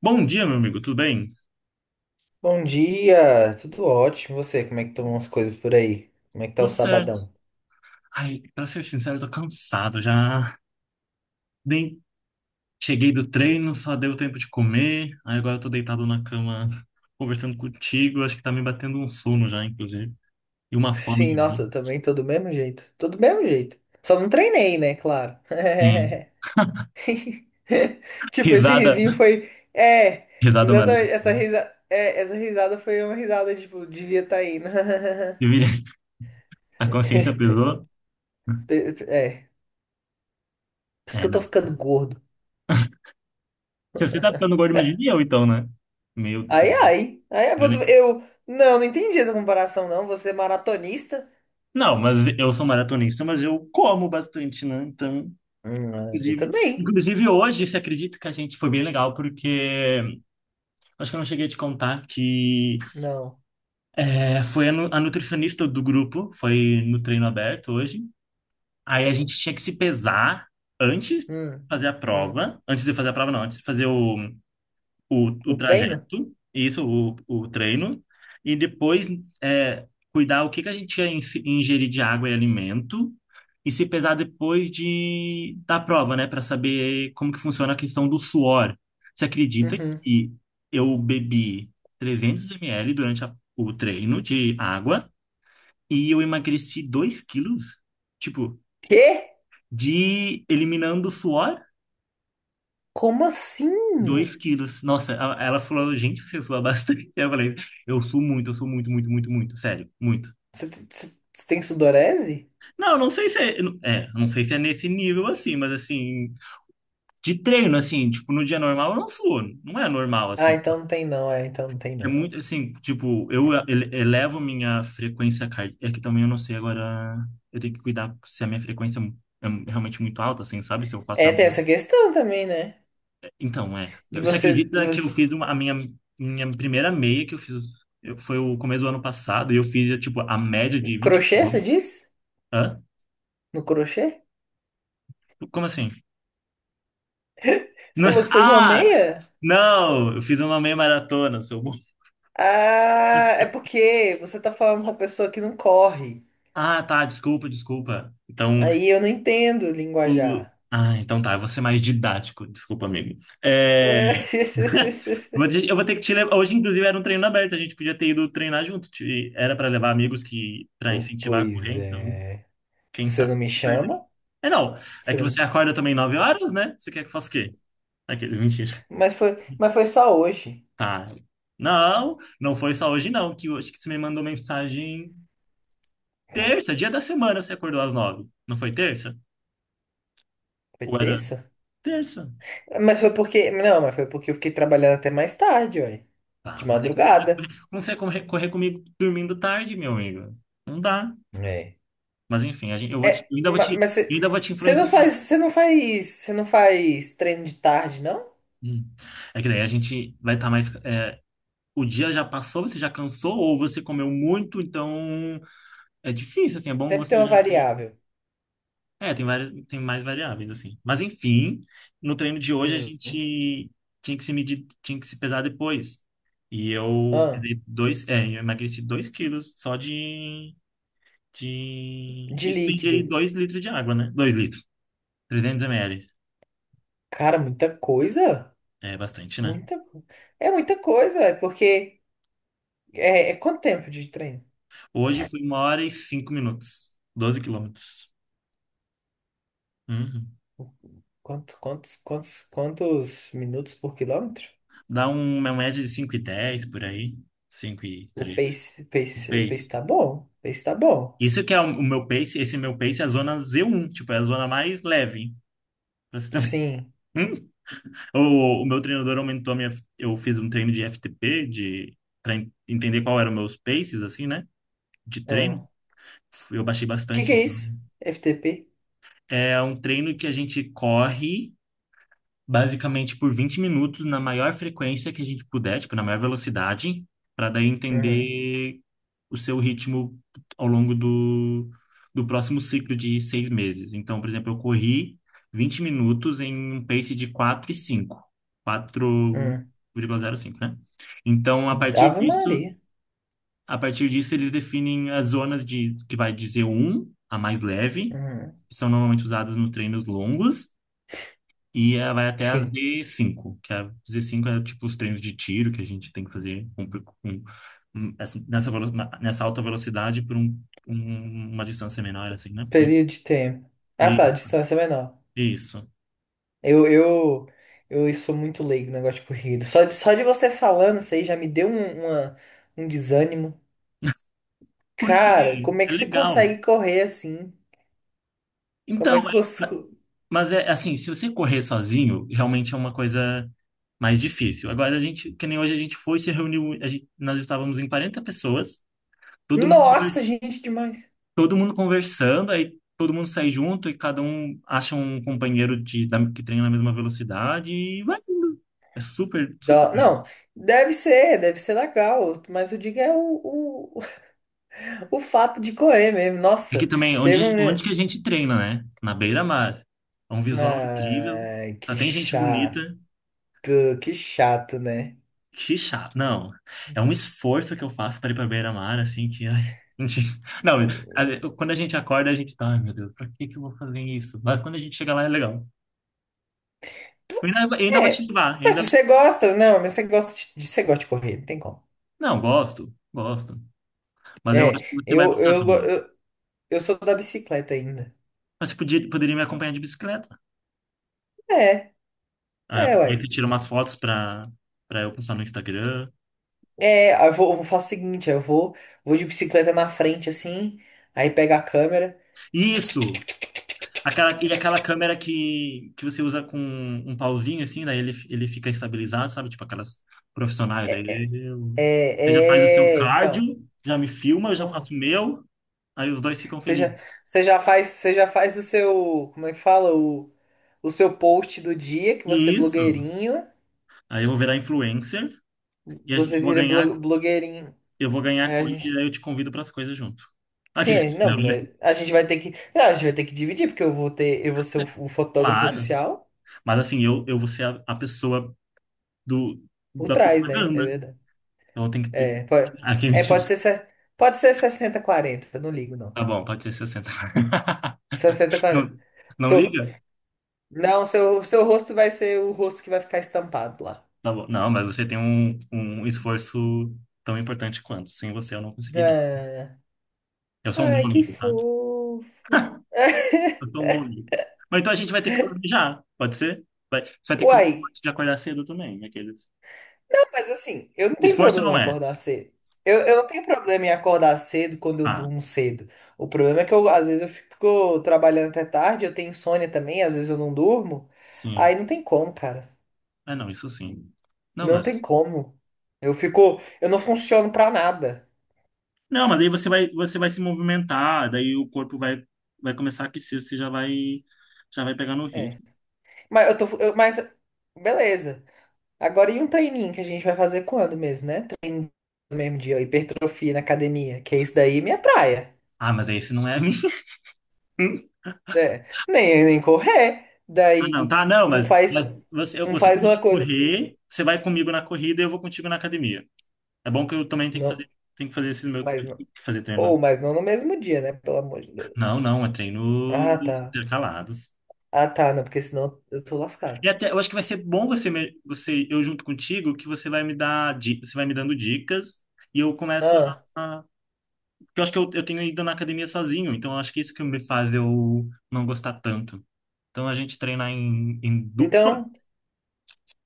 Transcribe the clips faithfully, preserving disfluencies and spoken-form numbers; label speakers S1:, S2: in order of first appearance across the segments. S1: Bom dia, meu amigo, tudo bem?
S2: Bom dia, tudo ótimo. E você, como é que estão as coisas por aí? Como é que tá o
S1: Tudo certo.
S2: sabadão?
S1: Ai, pra ser sincero, eu tô cansado já. Nem cheguei do treino, só deu tempo de comer. Aí agora eu tô deitado na cama conversando contigo. Acho que tá me batendo um sono já, inclusive. E uma fome
S2: Sim,
S1: de
S2: nossa,
S1: novo.
S2: eu também tô do mesmo jeito. Tô do mesmo jeito. Só não treinei, né? Claro.
S1: Sim.
S2: Tipo, esse
S1: Risada,
S2: risinho foi. É,
S1: risada
S2: exatamente. Essa
S1: maravilhosa.
S2: risa... é, essa risada foi uma risada, tipo, devia estar tá indo.
S1: Eu vi- A consciência pesou.
S2: Pe- pe- É, por isso que
S1: É,
S2: eu tô
S1: não.
S2: ficando gordo.
S1: Se você tá ficando gordo, imagine eu, então, né? Meu Deus.
S2: Ai, ai. Ai, eu. eu- Não, não entendi essa comparação, não. Você é maratonista?
S1: Não, mas eu sou maratonista, mas eu como bastante, né? Então.
S2: Hum, eu
S1: Inclusive,
S2: também.
S1: inclusive hoje, você acredita que a gente foi bem legal, porque acho que eu não cheguei a te contar que
S2: Não.
S1: é, foi a, nu- a nutricionista do grupo, foi no treino aberto hoje. Aí a
S2: Tem.
S1: gente tinha que se pesar antes de
S2: Hum,
S1: fazer a
S2: hum.
S1: prova. Antes de fazer a prova, não, antes de fazer o, o, o
S2: O treino?
S1: trajeto, isso, o, o treino, e depois é, cuidar o que que a gente ia ins- ingerir de água e alimento, e se pesar depois de, da prova, né, para saber como que funciona a questão do suor. Você acredita
S2: Uhum.
S1: que eu bebi trezentos mililitros durante a- o treino de água e eu emagreci dois quilos? Tipo,
S2: Quê?
S1: de eliminando o suor?
S2: Como assim?
S1: Dois quilos. Nossa, a- ela falou, gente, você sua bastante. Eu falei, eu suo muito, eu suo muito, muito, muito, muito, sério, muito.
S2: Você te- você- você tem sudorese?
S1: Não, eu não sei se é, é, eu não sei se é nesse nível assim, mas assim, de treino, assim, tipo, no dia normal eu não suo, não é normal,
S2: Ah,
S1: assim.
S2: então não tem não, é, então não tem
S1: É
S2: não.
S1: muito, assim, tipo, eu ele- elevo minha frequência cardíaca, é que também eu não sei agora, eu tenho que cuidar se a minha frequência é é realmente muito alta, assim, sabe? Se eu faço
S2: É, tem essa questão também, né?
S1: Então, é.
S2: De
S1: Você
S2: você,
S1: acredita que eu
S2: você-
S1: fiz uma, a minha, minha primeira meia que eu fiz eu- foi o começo do ano passado e eu fiz, tipo, a média de vinte e um
S2: Crochê, você
S1: quilômetros?
S2: disse?
S1: Hã?
S2: No crochê?
S1: Como assim?
S2: Você
S1: Não-
S2: falou que fez uma
S1: Ah!
S2: meia?
S1: Não! Eu fiz uma meia maratona, seu burro.
S2: Ah, é porque você tá falando com uma pessoa que não corre.
S1: Ah, tá. Desculpa, desculpa. Então,
S2: Aí eu não entendo
S1: o-
S2: linguajar.
S1: Ah, então tá. Eu vou ser mais didático. Desculpa, amigo. É... Vou te- Eu vou ter que te levar. Hoje, inclusive, era um treino aberto. A gente podia ter ido treinar junto. Te- Era para levar amigos que para incentivar a correr,
S2: Pois
S1: então.
S2: é.
S1: Quem
S2: Você não
S1: sabe?
S2: me
S1: Eu perdi.
S2: chama?
S1: É não, é que
S2: Você não...
S1: você acorda também nove horas, né? Você quer que eu faça o quê? Aqueles, mentira.
S2: Mas foi, mas foi só hoje.
S1: Ah, não, não foi só hoje não, que hoje que você me mandou mensagem terça, dia da semana você acordou às nove. Não foi terça?
S2: Foi
S1: Ou era
S2: terça?
S1: terça?
S2: Mas foi porque. Não, mas foi porque eu fiquei trabalhando até mais tarde, ué. De
S1: Ah, mas aí como que você vai correr,
S2: madrugada.
S1: como você vai correr, correr comigo dormindo tarde, meu amigo? Não dá.
S2: É.
S1: Mas enfim, a gente, eu vou te,
S2: É,
S1: eu ainda vou
S2: ma-
S1: te,
S2: mas
S1: eu
S2: você
S1: ainda vou te
S2: você não
S1: influenciar.
S2: faz. Você não faz. Você não faz treino de tarde, não?
S1: Hum. É que daí a gente vai estar mais. É, o dia já passou, você já cansou, ou você comeu muito, então. É difícil, assim, é bom
S2: Sempre
S1: você
S2: tem uma
S1: já entrar.
S2: variável.
S1: É, tem várias, tem mais variáveis, assim. Mas enfim, no treino de hoje a
S2: Hum.
S1: gente tinha que se medir, tinha que se pesar depois. E eu
S2: Ah,
S1: perdi dois, é, eu emagreci dois quilos só de, de...
S2: de
S1: Isso eu ingeri
S2: líquido.
S1: dois litros de água, né? Dois litros, trezentos ml.
S2: Cara, muita coisa.
S1: É bastante, né?
S2: Muita coisa. É muita coisa, é porque. É, é quanto tempo de treino?
S1: Hoje foi uma hora e cinco minutos, doze quilômetros. Uhum.
S2: Quanto, quantos, quantos, quantos minutos por quilômetro?
S1: Dá um- uma média de cinco e dez por aí, cinco e
S2: O
S1: treze.
S2: pace,
S1: O
S2: pace, o pace
S1: pace.
S2: tá bom. O pace tá bom.
S1: Isso que é o, o meu pace, esse meu pace é a zona Z um, tipo, é a zona mais leve. Pra você ter uma-
S2: Sim.
S1: Hum? O, o meu treinador aumentou a minha. Eu fiz um treino de F T P, de, para entender qual eram meus paces, assim, né? De treino.
S2: Ah,
S1: Eu baixei
S2: Que que
S1: bastante.
S2: é isso? F T P?
S1: É um treino que a gente corre, basicamente por vinte minutos na maior frequência que a gente puder, tipo, na maior velocidade, para daí
S2: Uhum,
S1: entender o seu ritmo ao longo do, do próximo ciclo de seis meses. Então, por exemplo, eu corri vinte minutos em um pace de quatro e cinco, quatro
S2: uhum.
S1: vírgula zero cinco, né? Então, a
S2: Hum.
S1: partir
S2: Ave
S1: disso,
S2: Maria.
S1: a partir disso eles definem as zonas de que vai de z um a mais leve,
S2: Uhum.
S1: que são normalmente usadas nos treinos longos, e ela vai até a
S2: Sim.
S1: z cinco, que a z cinco é tipo os treinos de tiro que a gente tem que fazer com, com- com- hum, essa- nessa, velo- na- nessa alta velocidade por um- um- uma distância menor, assim, né? Hum,
S2: Período de tempo. Ah,
S1: E,
S2: tá, distância é menor.
S1: isso.
S2: Eu, eu, eu sou muito leigo no negócio de corrida. Só de, só de você falando isso aí já me deu um, uma- um desânimo. Cara,
S1: Porque
S2: como é
S1: é
S2: que você
S1: legal.
S2: consegue correr assim? Como
S1: Então,
S2: é que eu
S1: é- ma-
S2: consigo...
S1: mas é assim, se você correr sozinho, realmente é uma coisa mais difícil. Agora, a gente, que nem hoje a gente foi, se reuniu, a gente, nós estávamos em quarenta pessoas, todo mundo
S2: Nossa, gente, demais.
S1: todo mundo conversando, aí todo mundo sai junto e cada um acha um companheiro de, da- que treina na mesma velocidade e vai indo. É super, super
S2: Dó-
S1: legal.
S2: Não, deve ser, deve ser legal, mas eu digo é o, o, o fato de correr mesmo.
S1: E Aqui
S2: Nossa,
S1: também, onde,
S2: teve um.
S1: onde que a gente treina, né? Na beira-mar. É um visual incrível,
S2: Ai,
S1: só
S2: que
S1: tem gente bonita.
S2: chato, que chato, né?
S1: Que chato. Não, é um esforço que eu faço para ir para beira-mar, assim, que, ai, não, não, a- quando a gente acorda, a gente tá, ai meu Deus, pra que que eu vou fazer isso? Mas quando a gente chega lá, é legal. Eu ainda, eu ainda vou te
S2: É,
S1: levar,
S2: mas
S1: ainda.
S2: você gosta, não, mas você gosta de, de- você gosta de correr, não tem como.
S1: Não, gosto, gosto. Mas eu acho que
S2: É,
S1: você vai
S2: eu,
S1: gostar
S2: eu, go-
S1: também.
S2: eu, eu sou da bicicleta ainda.
S1: Mas você podia, poderia me acompanhar de bicicleta.
S2: É,
S1: Aí
S2: é,
S1: aproveita e
S2: uai.
S1: tira umas fotos pra, pra eu postar no Instagram.
S2: É, eu vou, eu faço o seguinte, eu vou, vou de bicicleta na frente, assim, aí pega a câmera.
S1: Isso! Aquela, e aquela câmera que, que você usa com um pauzinho, assim, daí ele, ele fica estabilizado, sabe? Tipo aquelas profissionais. Daí eu- você já
S2: É,
S1: faz o seu
S2: é, então.
S1: cardio, já me filma, eu já faço
S2: Uhum.
S1: o meu. Aí os dois ficam
S2: Você
S1: felizes.
S2: já, você já faz, você já faz o seu, como é que fala? O, o seu post do dia, que você é
S1: Isso!
S2: blogueirinho.
S1: Aí eu vou virar influencer e a gente-
S2: Você
S1: eu vou
S2: vira
S1: ganhar,
S2: blo- blogueirinho.
S1: eu vou ganhar
S2: Aí a
S1: coisa e
S2: gente...
S1: aí eu te convido para as coisas junto. Aqui.
S2: Sim, não, mas a gente vai ter que. Não, a gente vai ter que dividir, porque eu vou ter. Eu vou ser o, o fotógrafo
S1: Claro.
S2: oficial
S1: Mas assim, eu, eu vou ser a, a pessoa do,
S2: por
S1: da
S2: trás, né? É
S1: propaganda.
S2: verdade.
S1: Então eu tenho que ter.
S2: É, pode,
S1: Ah, quem me
S2: é,
S1: diga.
S2: pode ser, se- pode ser sessenta quarenta. Não ligo, não.
S1: Tá bom, pode ser sessenta.
S2: Sessenta quarenta.
S1: Não, não
S2: Seu,
S1: liga?
S2: não, seu, seu rosto vai ser o rosto que vai ficar estampado lá.
S1: Tá bom. Não, mas você tem um, um esforço tão importante quanto. Sem você eu não conseguiria.
S2: Ah,
S1: Eu sou um bom
S2: ai, que
S1: amigo, tá?
S2: fofo.
S1: Eu sou um bom amigo. Mas então a gente vai ter que planejar, pode ser? Vai, você vai ter que fazer um
S2: Uai,
S1: esforço de acordar cedo também, aqueles.
S2: não, mas assim, eu não
S1: O
S2: tenho
S1: esforço
S2: problema em
S1: não é.
S2: acordar cedo. Eu, eu não tenho problema em acordar cedo quando eu
S1: Ah,
S2: durmo cedo. O problema é que eu, às vezes eu fico trabalhando até tarde, eu tenho insônia também, às vezes eu não durmo.
S1: sim.
S2: Aí não tem como, cara.
S1: É, não, isso sim. Não,
S2: Não
S1: mas
S2: tem como. Eu fico, eu não funciono pra nada.
S1: Não, mas aí você vai, você vai se movimentar, daí o corpo vai, vai começar a aquecer, você já vai, já vai pegar no
S2: É.
S1: ritmo.
S2: Mas eu tô, eu- mas beleza. Agora e um treininho que a gente vai fazer quando mesmo, né? No mesmo dia, hipertrofia na academia, que é isso daí, minha praia.
S1: Ah, mas esse não é a minha.
S2: Né? Nem, nem correr.
S1: Ah,
S2: Daí
S1: não, tá, não,
S2: um
S1: mas, mas
S2: faz,
S1: você, eu-
S2: um
S1: você
S2: faz
S1: começa a
S2: uma coisa, outro faz... outra.
S1: correr, você vai comigo na corrida e eu vou contigo na academia. É bom que eu também tenho que
S2: Não,
S1: fazer, tenho que fazer esse meu, que
S2: mas não.
S1: fazer
S2: Ou,
S1: treino.
S2: mas não no mesmo dia, né? Pelo amor de Deus.
S1: Não, não, é treino
S2: Ah, tá.
S1: intercalados.
S2: Ah, tá, não, porque senão eu tô lascado.
S1: E até, eu acho que vai ser bom você, me- você, eu junto contigo, que você vai me dar, di- você vai me dando dicas e eu começo.
S2: Ah,
S1: Porque eu acho que eu, eu tenho ido na academia sozinho, então eu acho que isso que me faz eu não gostar tanto. Então a gente treinar em, em dupla,
S2: então,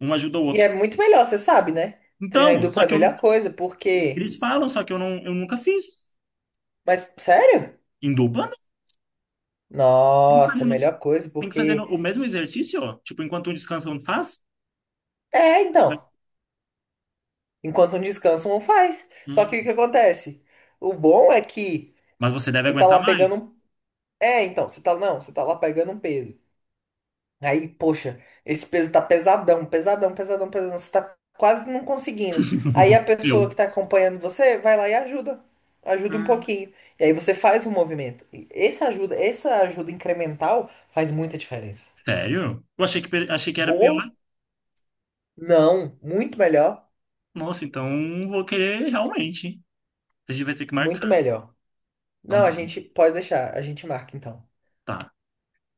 S1: um ajuda o
S2: e é
S1: outro.
S2: muito melhor, você sabe, né? Treinar em
S1: Então,
S2: dupla
S1: só
S2: é a
S1: que eu, nu-
S2: melhor coisa, porque.
S1: eles falam, só que eu, não, eu nunca fiz.
S2: Mas, sério?
S1: Em dupla, não. Tem que
S2: Nossa,
S1: fazer,
S2: é a
S1: no-
S2: melhor coisa,
S1: tem que fazer no-
S2: porque.
S1: o mesmo exercício, ó. Tipo, enquanto um descansa, um faz.
S2: É, então. Enquanto um descansa, um faz. Só que o
S1: Hum,
S2: que acontece? O bom é que
S1: Mas você deve
S2: você tá
S1: aguentar
S2: lá pegando
S1: mais.
S2: um... É, então, você tá, não, você tá lá pegando um peso. Aí, poxa, esse peso tá pesadão, pesadão, pesadão, pesadão. Você tá quase não conseguindo. Aí a
S1: Eu.
S2: pessoa que tá acompanhando você vai lá e ajuda. Ajuda um
S1: Ah,
S2: pouquinho. E aí você faz um movimento. E essa ajuda, essa ajuda incremental faz muita diferença.
S1: sério? Eu achei que, pe- achei que era pior.
S2: Boa? Não, muito melhor,
S1: Nossa, então vou querer realmente. A gente vai ter que marcar.
S2: muito melhor.
S1: Então
S2: Não, a
S1: tá,
S2: gente pode deixar, a gente marca então.
S1: tá.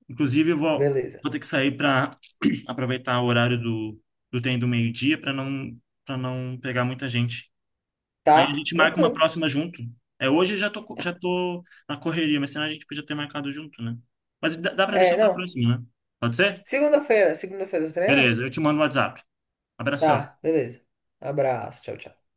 S1: Inclusive, eu vou,
S2: Beleza.
S1: vou ter que sair para aproveitar o horário do, do trem do meio-dia para não, para não pegar muita gente. Aí a
S2: Tá?
S1: gente marca uma
S2: Tranquilo.
S1: próxima junto. É, hoje eu já tô, co- já tô na correria, mas senão a gente podia ter marcado junto, né? Mas dá, dá para deixar
S2: É,
S1: para
S2: não.
S1: próxima, né? Pode ser?
S2: Segunda-feira, segunda-feira você treina?
S1: Beleza, eu te mando o WhatsApp. Abração.
S2: Tá, beleza. Abraço, tchau, tchau.